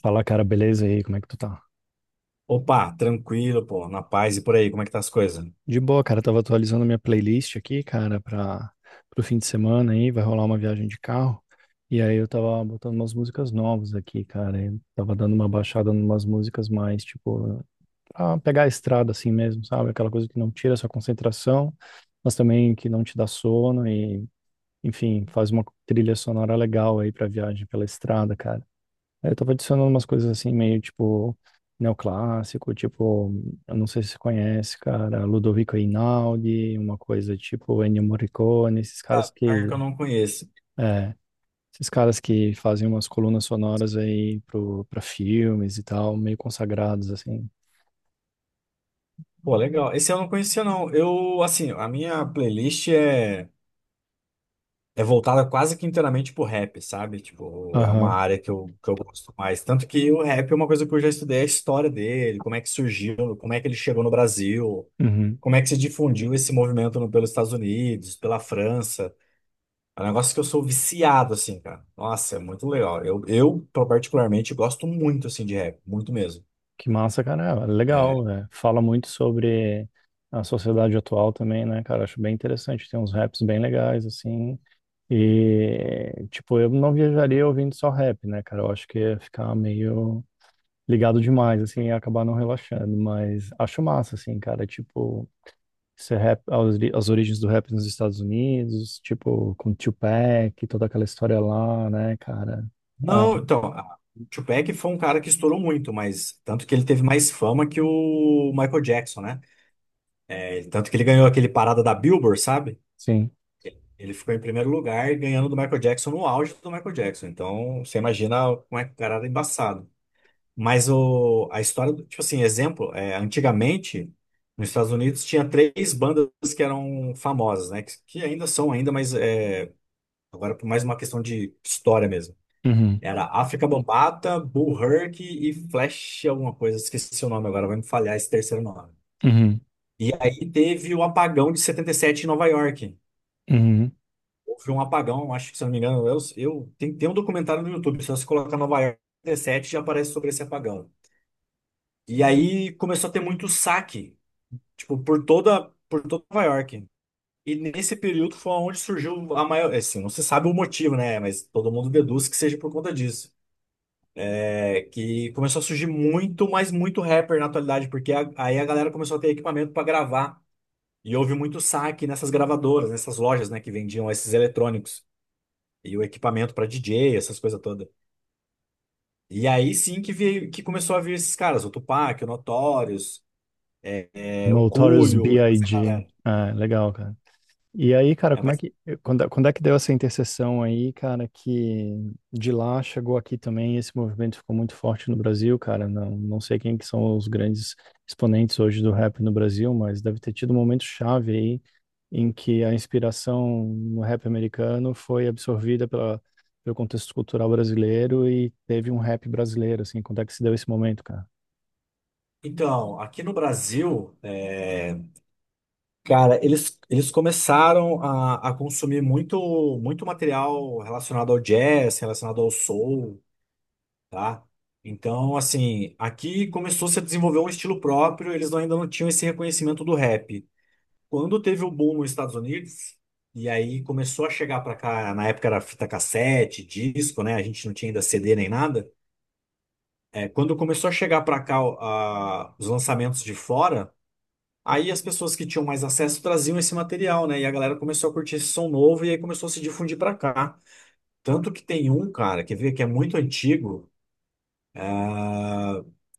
Fala, cara, beleza? E aí, como é que tu tá? Opa, tranquilo, pô, na paz e por aí, como é que tá as coisas? De boa, cara, tava atualizando minha playlist aqui, cara, para pro fim de semana aí, vai rolar uma viagem de carro. E aí eu tava botando umas músicas novas aqui, cara. Eu tava dando uma baixada numas músicas mais, tipo, pra pegar a estrada assim mesmo, sabe? Aquela coisa que não tira a sua concentração, mas também que não te dá sono e, enfim, faz uma trilha sonora legal aí pra viagem pela estrada, cara. Aí eu tava adicionando umas coisas assim, meio tipo neoclássico, tipo, eu não sei se você conhece, cara, Ludovico Einaudi, uma coisa tipo Ennio Morricone, esses Ah, caras pior que que, eu não conheço. é, esses caras que fazem umas colunas sonoras aí pra filmes e tal, meio consagrados assim. Pô, legal. Esse eu não conhecia, não. Eu, assim, a minha playlist é voltada quase que inteiramente pro rap, sabe? Tipo, é uma Aham. área que eu gosto mais. Tanto que o rap é uma coisa que eu já estudei a história dele, como é que surgiu, como é que ele chegou no Brasil, Uhum. como é que se difundiu esse movimento pelos Estados Unidos, pela França. É um negócio que eu sou viciado, assim, cara. Nossa, é muito legal. Eu particularmente gosto muito, assim, de rap, muito mesmo. Que massa, cara, é É. legal, né? Fala muito sobre a sociedade atual também, né, cara? Acho bem interessante, tem uns raps bem legais assim. E, tipo, eu não viajaria ouvindo só rap, né, cara? Eu acho que ia ficar meio ligado demais, assim, e acabar não relaxando. Mas acho massa, assim, cara. Tipo, esse rap, as origens do rap nos Estados Unidos, tipo, com Tupac, toda aquela história lá, né, cara? Ah, Não, então, o Tupac foi um cara que estourou muito, mas tanto que ele teve mais fama que o Michael Jackson, né? É, tanto que ele ganhou aquele parada da Billboard, sabe? sim. Ele ficou em primeiro lugar, ganhando do Michael Jackson no auge do Michael Jackson. Então, você imagina como é que o cara era embaçado. Mas a história, tipo assim, exemplo, é, antigamente, nos Estados Unidos tinha três bandas que eram famosas, né? Que ainda são ainda, mas é, agora por mais uma questão de história mesmo. Uhum, Era África Bambata, Bull Herc e Flash alguma coisa. Esqueci o nome agora, vai me falhar esse terceiro nome. uhum, E aí teve o apagão de 77 em Nova York. uhum. Houve um apagão, acho que se eu não me engano, eu tem um documentário no YouTube. Se você colocar Nova York 77 já aparece sobre esse apagão. E aí começou a ter muito saque, tipo, por toda Nova York. E nesse período foi onde surgiu a maior, assim, não se sabe o motivo, né? Mas todo mundo deduz que seja por conta disso. É que começou a surgir muito, mas muito rapper na atualidade, porque aí a galera começou a ter equipamento para gravar. E houve muito saque nessas gravadoras, nessas lojas, né, que vendiam esses eletrônicos e o equipamento para DJ, essas coisas todas. E aí sim que veio, que começou a vir esses caras, o Tupac, o Notorious, é, o Notorious Coolio, e essa B.I.G. galera. Ah, legal, cara. E aí, cara, É, como é mas, que quando é que deu essa interseção aí, cara, que de lá chegou aqui também, esse movimento ficou muito forte no Brasil, cara. Não, não sei quem que são os grandes exponentes hoje do rap no Brasil, mas deve ter tido um momento chave aí em que a inspiração no rap americano foi absorvida pela, pelo contexto cultural brasileiro e teve um rap brasileiro, assim. Quando é que se deu esse momento, cara? então, aqui no Brasil, é, cara, eles começaram a consumir muito, muito material relacionado ao jazz, relacionado ao soul, tá? Então, assim, aqui começou -se a desenvolver um estilo próprio, eles ainda não tinham esse reconhecimento do rap. Quando teve o boom nos Estados Unidos, e aí começou a chegar pra cá, na época era fita cassete, disco, né? A gente não tinha ainda CD nem nada. É, quando começou a chegar pra cá, ó, os lançamentos de fora, aí as pessoas que tinham mais acesso traziam esse material, né? E a galera começou a curtir esse som novo e aí começou a se difundir pra cá. Tanto que tem um, cara, quer ver, que é muito antigo,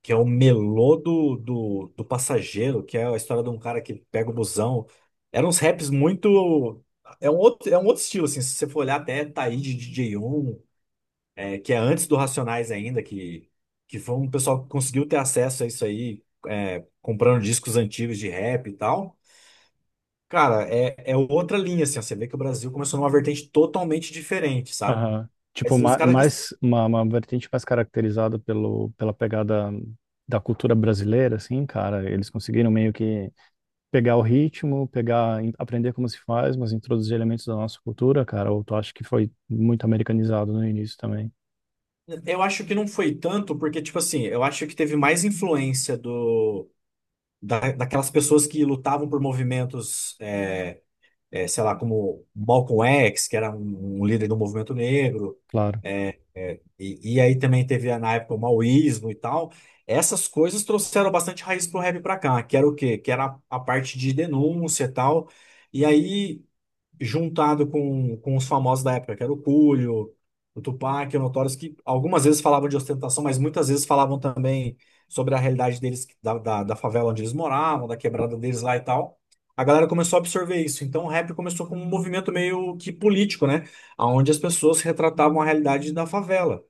que é o Melô do Passageiro, que é a história de um cara que pega o busão. Eram uns raps muito. É um outro estilo, assim. Se você for olhar até Taíde DJ 1, é, que é antes do Racionais ainda, que foi um pessoal que conseguiu ter acesso a isso aí, é, comprando discos antigos de rap e tal. Cara, é, é outra linha, assim. Ó, você vê que o Brasil começou numa vertente totalmente diferente, sabe? Aham. Tipo, Mas os caras que. mais uma vertente mais caracterizada pelo, pela pegada da cultura brasileira, assim, cara. Eles conseguiram meio que pegar o ritmo, pegar, aprender como se faz, mas introduzir elementos da nossa cultura, cara. Ou tu acha que foi muito americanizado no início também? Eu acho que não foi tanto, porque, tipo assim, eu acho que teve mais influência daquelas pessoas que lutavam por movimentos, sei lá, como Malcolm X, que era um líder do movimento negro, Claro. E aí também teve na época o maoísmo e tal. Essas coisas trouxeram bastante raiz pro rap pra cá, que era o quê? Que era a parte de denúncia e tal. E aí, juntado com os famosos da época, que era o Coolio, o Tupac, o Notorious, que algumas vezes falavam de ostentação, mas muitas vezes falavam também sobre a realidade deles, da favela onde eles moravam, da quebrada deles lá e tal. A galera começou a absorver isso. Então, o rap começou como um movimento meio que político, né? Onde as pessoas retratavam a realidade da favela.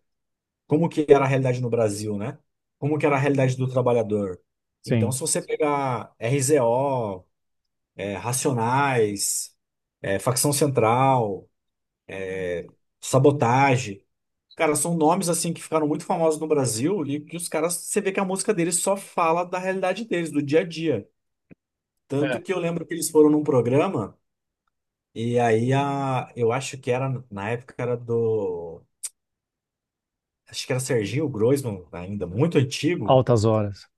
Como que era a realidade no Brasil, né? Como que era a realidade do trabalhador. Então, Sim. se você pegar RZO, Racionais, Facção Central, sabotagem, cara, são nomes assim que ficaram muito famosos no Brasil e que os caras, você vê que a música deles só fala da realidade deles, do dia a dia. Tanto É. que eu lembro que eles foram num programa. E aí a, eu acho que era na época era do, acho que era Serginho Groisman ainda, muito antigo. Altas Horas.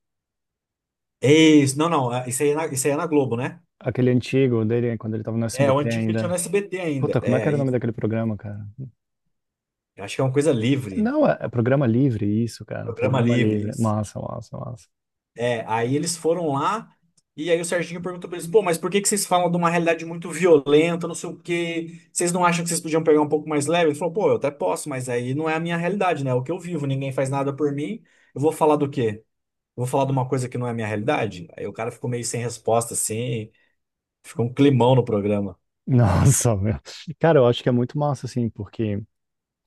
Isso, não, não, ah, isso aí é na, isso aí é na Globo, né? Aquele antigo dele, quando ele tava no É, o SBT antigo que ele tinha no ainda. SBT ainda. Puta, como é que É, era o nome daquele programa, cara? eu acho que é uma coisa livre, Não, é é um programa livre, isso, cara. programa Programa livre, livre. isso. Massa, massa, massa. É, aí eles foram lá e aí o Serginho perguntou pra eles: pô, mas por que que vocês falam de uma realidade muito violenta, não sei o quê? Vocês não acham que vocês podiam pegar um pouco mais leve? Ele falou: pô, eu até posso, mas aí não é a minha realidade, né? É o que eu vivo, ninguém faz nada por mim. Eu vou falar do quê? Vou falar de uma coisa que não é a minha realidade? Aí o cara ficou meio sem resposta, assim, ficou um climão no programa. Nossa, meu. Cara, eu acho que é muito massa, assim, porque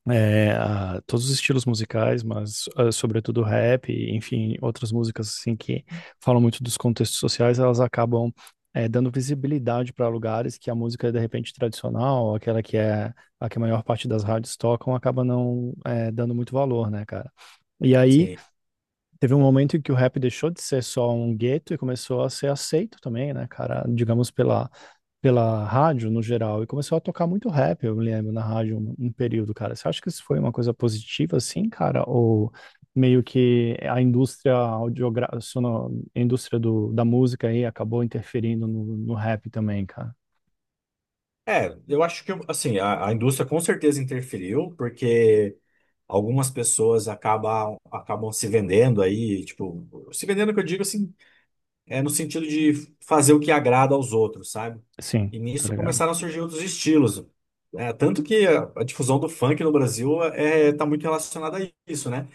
é, todos os estilos musicais, mas ah, sobretudo rap, e, enfim, outras músicas, assim, que falam muito dos contextos sociais, elas acabam é, dando visibilidade para lugares que a música, é, de repente, tradicional, aquela que é a que a maior parte das rádios tocam, acaba não é, dando muito valor, né, cara? E aí, Sim. teve um momento em que o rap deixou de ser só um gueto e começou a ser aceito também, né, cara? Digamos pela, pela rádio no geral. E começou a tocar muito rap, eu me lembro, na rádio um período, cara. Você acha que isso foi uma coisa positiva, assim, cara? Ou meio que a indústria audiogra... a indústria do, da música aí acabou interferindo no, no rap também, cara? É, eu acho que, assim, a indústria com certeza interferiu, porque algumas pessoas acabam se vendendo aí, tipo, se vendendo que eu digo, assim, é no sentido de fazer o que agrada aos outros, sabe? Sim, E tá nisso ligado? começaram a surgir outros estilos. É, tanto que a difusão do funk no Brasil, é, tá muito relacionada a isso, né?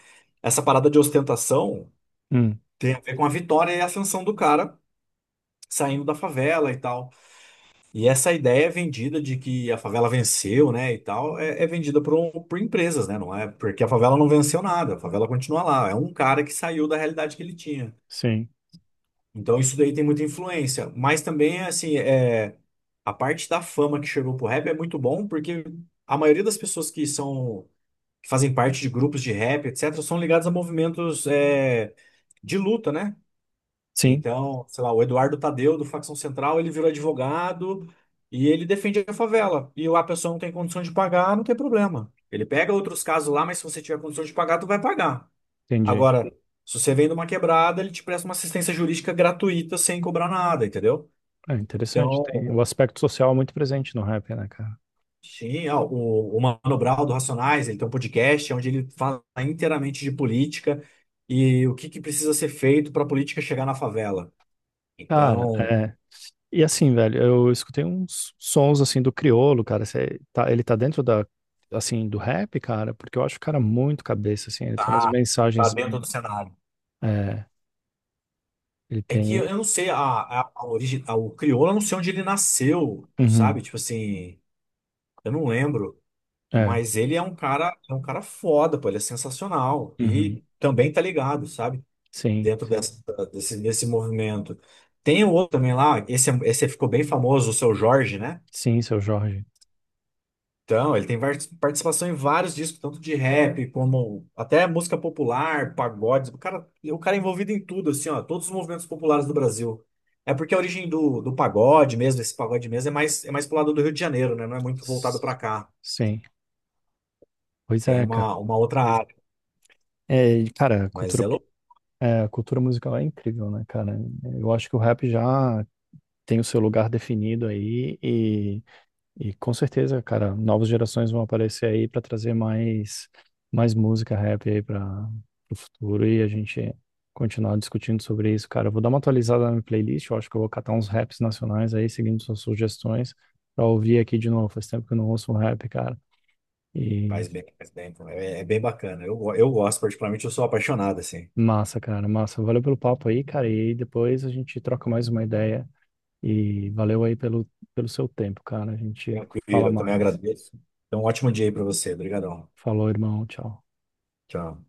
Essa parada de ostentação. Hum, Tem a ver com a vitória e a ascensão do cara saindo da favela e tal. E essa ideia é vendida de que a favela venceu, né, e tal, é, é vendida por empresas, né? Não é porque a favela não venceu nada, a favela continua lá. É um cara que saiu da realidade que ele tinha. sim, Então isso daí tem muita influência. Mas também, assim, é, a parte da fama que chegou pro rap é muito bom, porque a maioria das pessoas que fazem parte de grupos de rap, etc., são ligadas a movimentos, é, de luta, né? sim, Então, sei lá, o Eduardo Tadeu, do Facção Central, ele virou advogado e ele defende a favela. E a pessoa não tem condição de pagar, não tem problema. Ele pega outros casos lá, mas se você tiver condição de pagar, tu vai pagar. entendi. Agora, se você vem de uma quebrada, ele te presta uma assistência jurídica gratuita sem cobrar nada, entendeu? É interessante, tem o Então, aspecto social é muito presente no rap, né, cara? sim, ó, o Mano Brown do Racionais, ele tem um podcast onde ele fala inteiramente de política e o que que precisa ser feito para a política chegar na favela. Cara, Então, é. E assim, velho, eu escutei uns sons assim do Criolo, cara. Ele tá dentro da, assim, do rap, cara, porque eu acho o cara muito cabeça, assim. Ele tem umas tá, tá mensagens. dentro do cenário. É, ele É que tem. eu não sei, a origem, o crioulo, eu não sei onde ele nasceu, Uhum, sabe? Tipo assim, eu não lembro. é, Mas ele é um cara foda, pô, ele é sensacional. E uhum, também tá ligado, sabe? sim, Dentro sim. Desse movimento. Tem o outro também lá, esse, esse ficou bem famoso, o Seu Jorge, né? Sim, seu Jorge. Então, ele tem participação em vários discos, tanto de rap como até música popular, pagodes. O cara é envolvido em tudo, assim, ó, todos os movimentos populares do Brasil. É porque a origem do pagode mesmo, esse pagode mesmo, é mais pro lado do Rio de Janeiro, né? Não é muito voltado S- pra cá. Sim. Pois Tem é, cara. Uma outra área, É, e, cara, a mas cultura, é louco. é, a cultura musical é incrível, né, cara? Eu acho que o rap já tem o seu lugar definido aí. E com certeza, cara, novas gerações vão aparecer aí para trazer mais mais música rap aí para o futuro e a gente continuar discutindo sobre isso, cara. Eu vou dar uma atualizada na minha playlist, eu acho que eu vou catar uns raps nacionais aí, seguindo suas sugestões, para ouvir aqui de novo. Faz tempo que eu não ouço um rap, cara. E Faz bem, faz bem. Então, é bem bacana. Eu gosto, particularmente, eu sou apaixonado, assim. massa, cara, massa. Valeu pelo papo aí, cara, e depois a gente troca mais uma ideia e valeu aí pelo pelo seu tempo, cara. A gente Tranquilo, fala eu também mais. agradeço. Então, um ótimo dia aí pra você. Obrigadão. Falou, irmão, tchau. Tchau.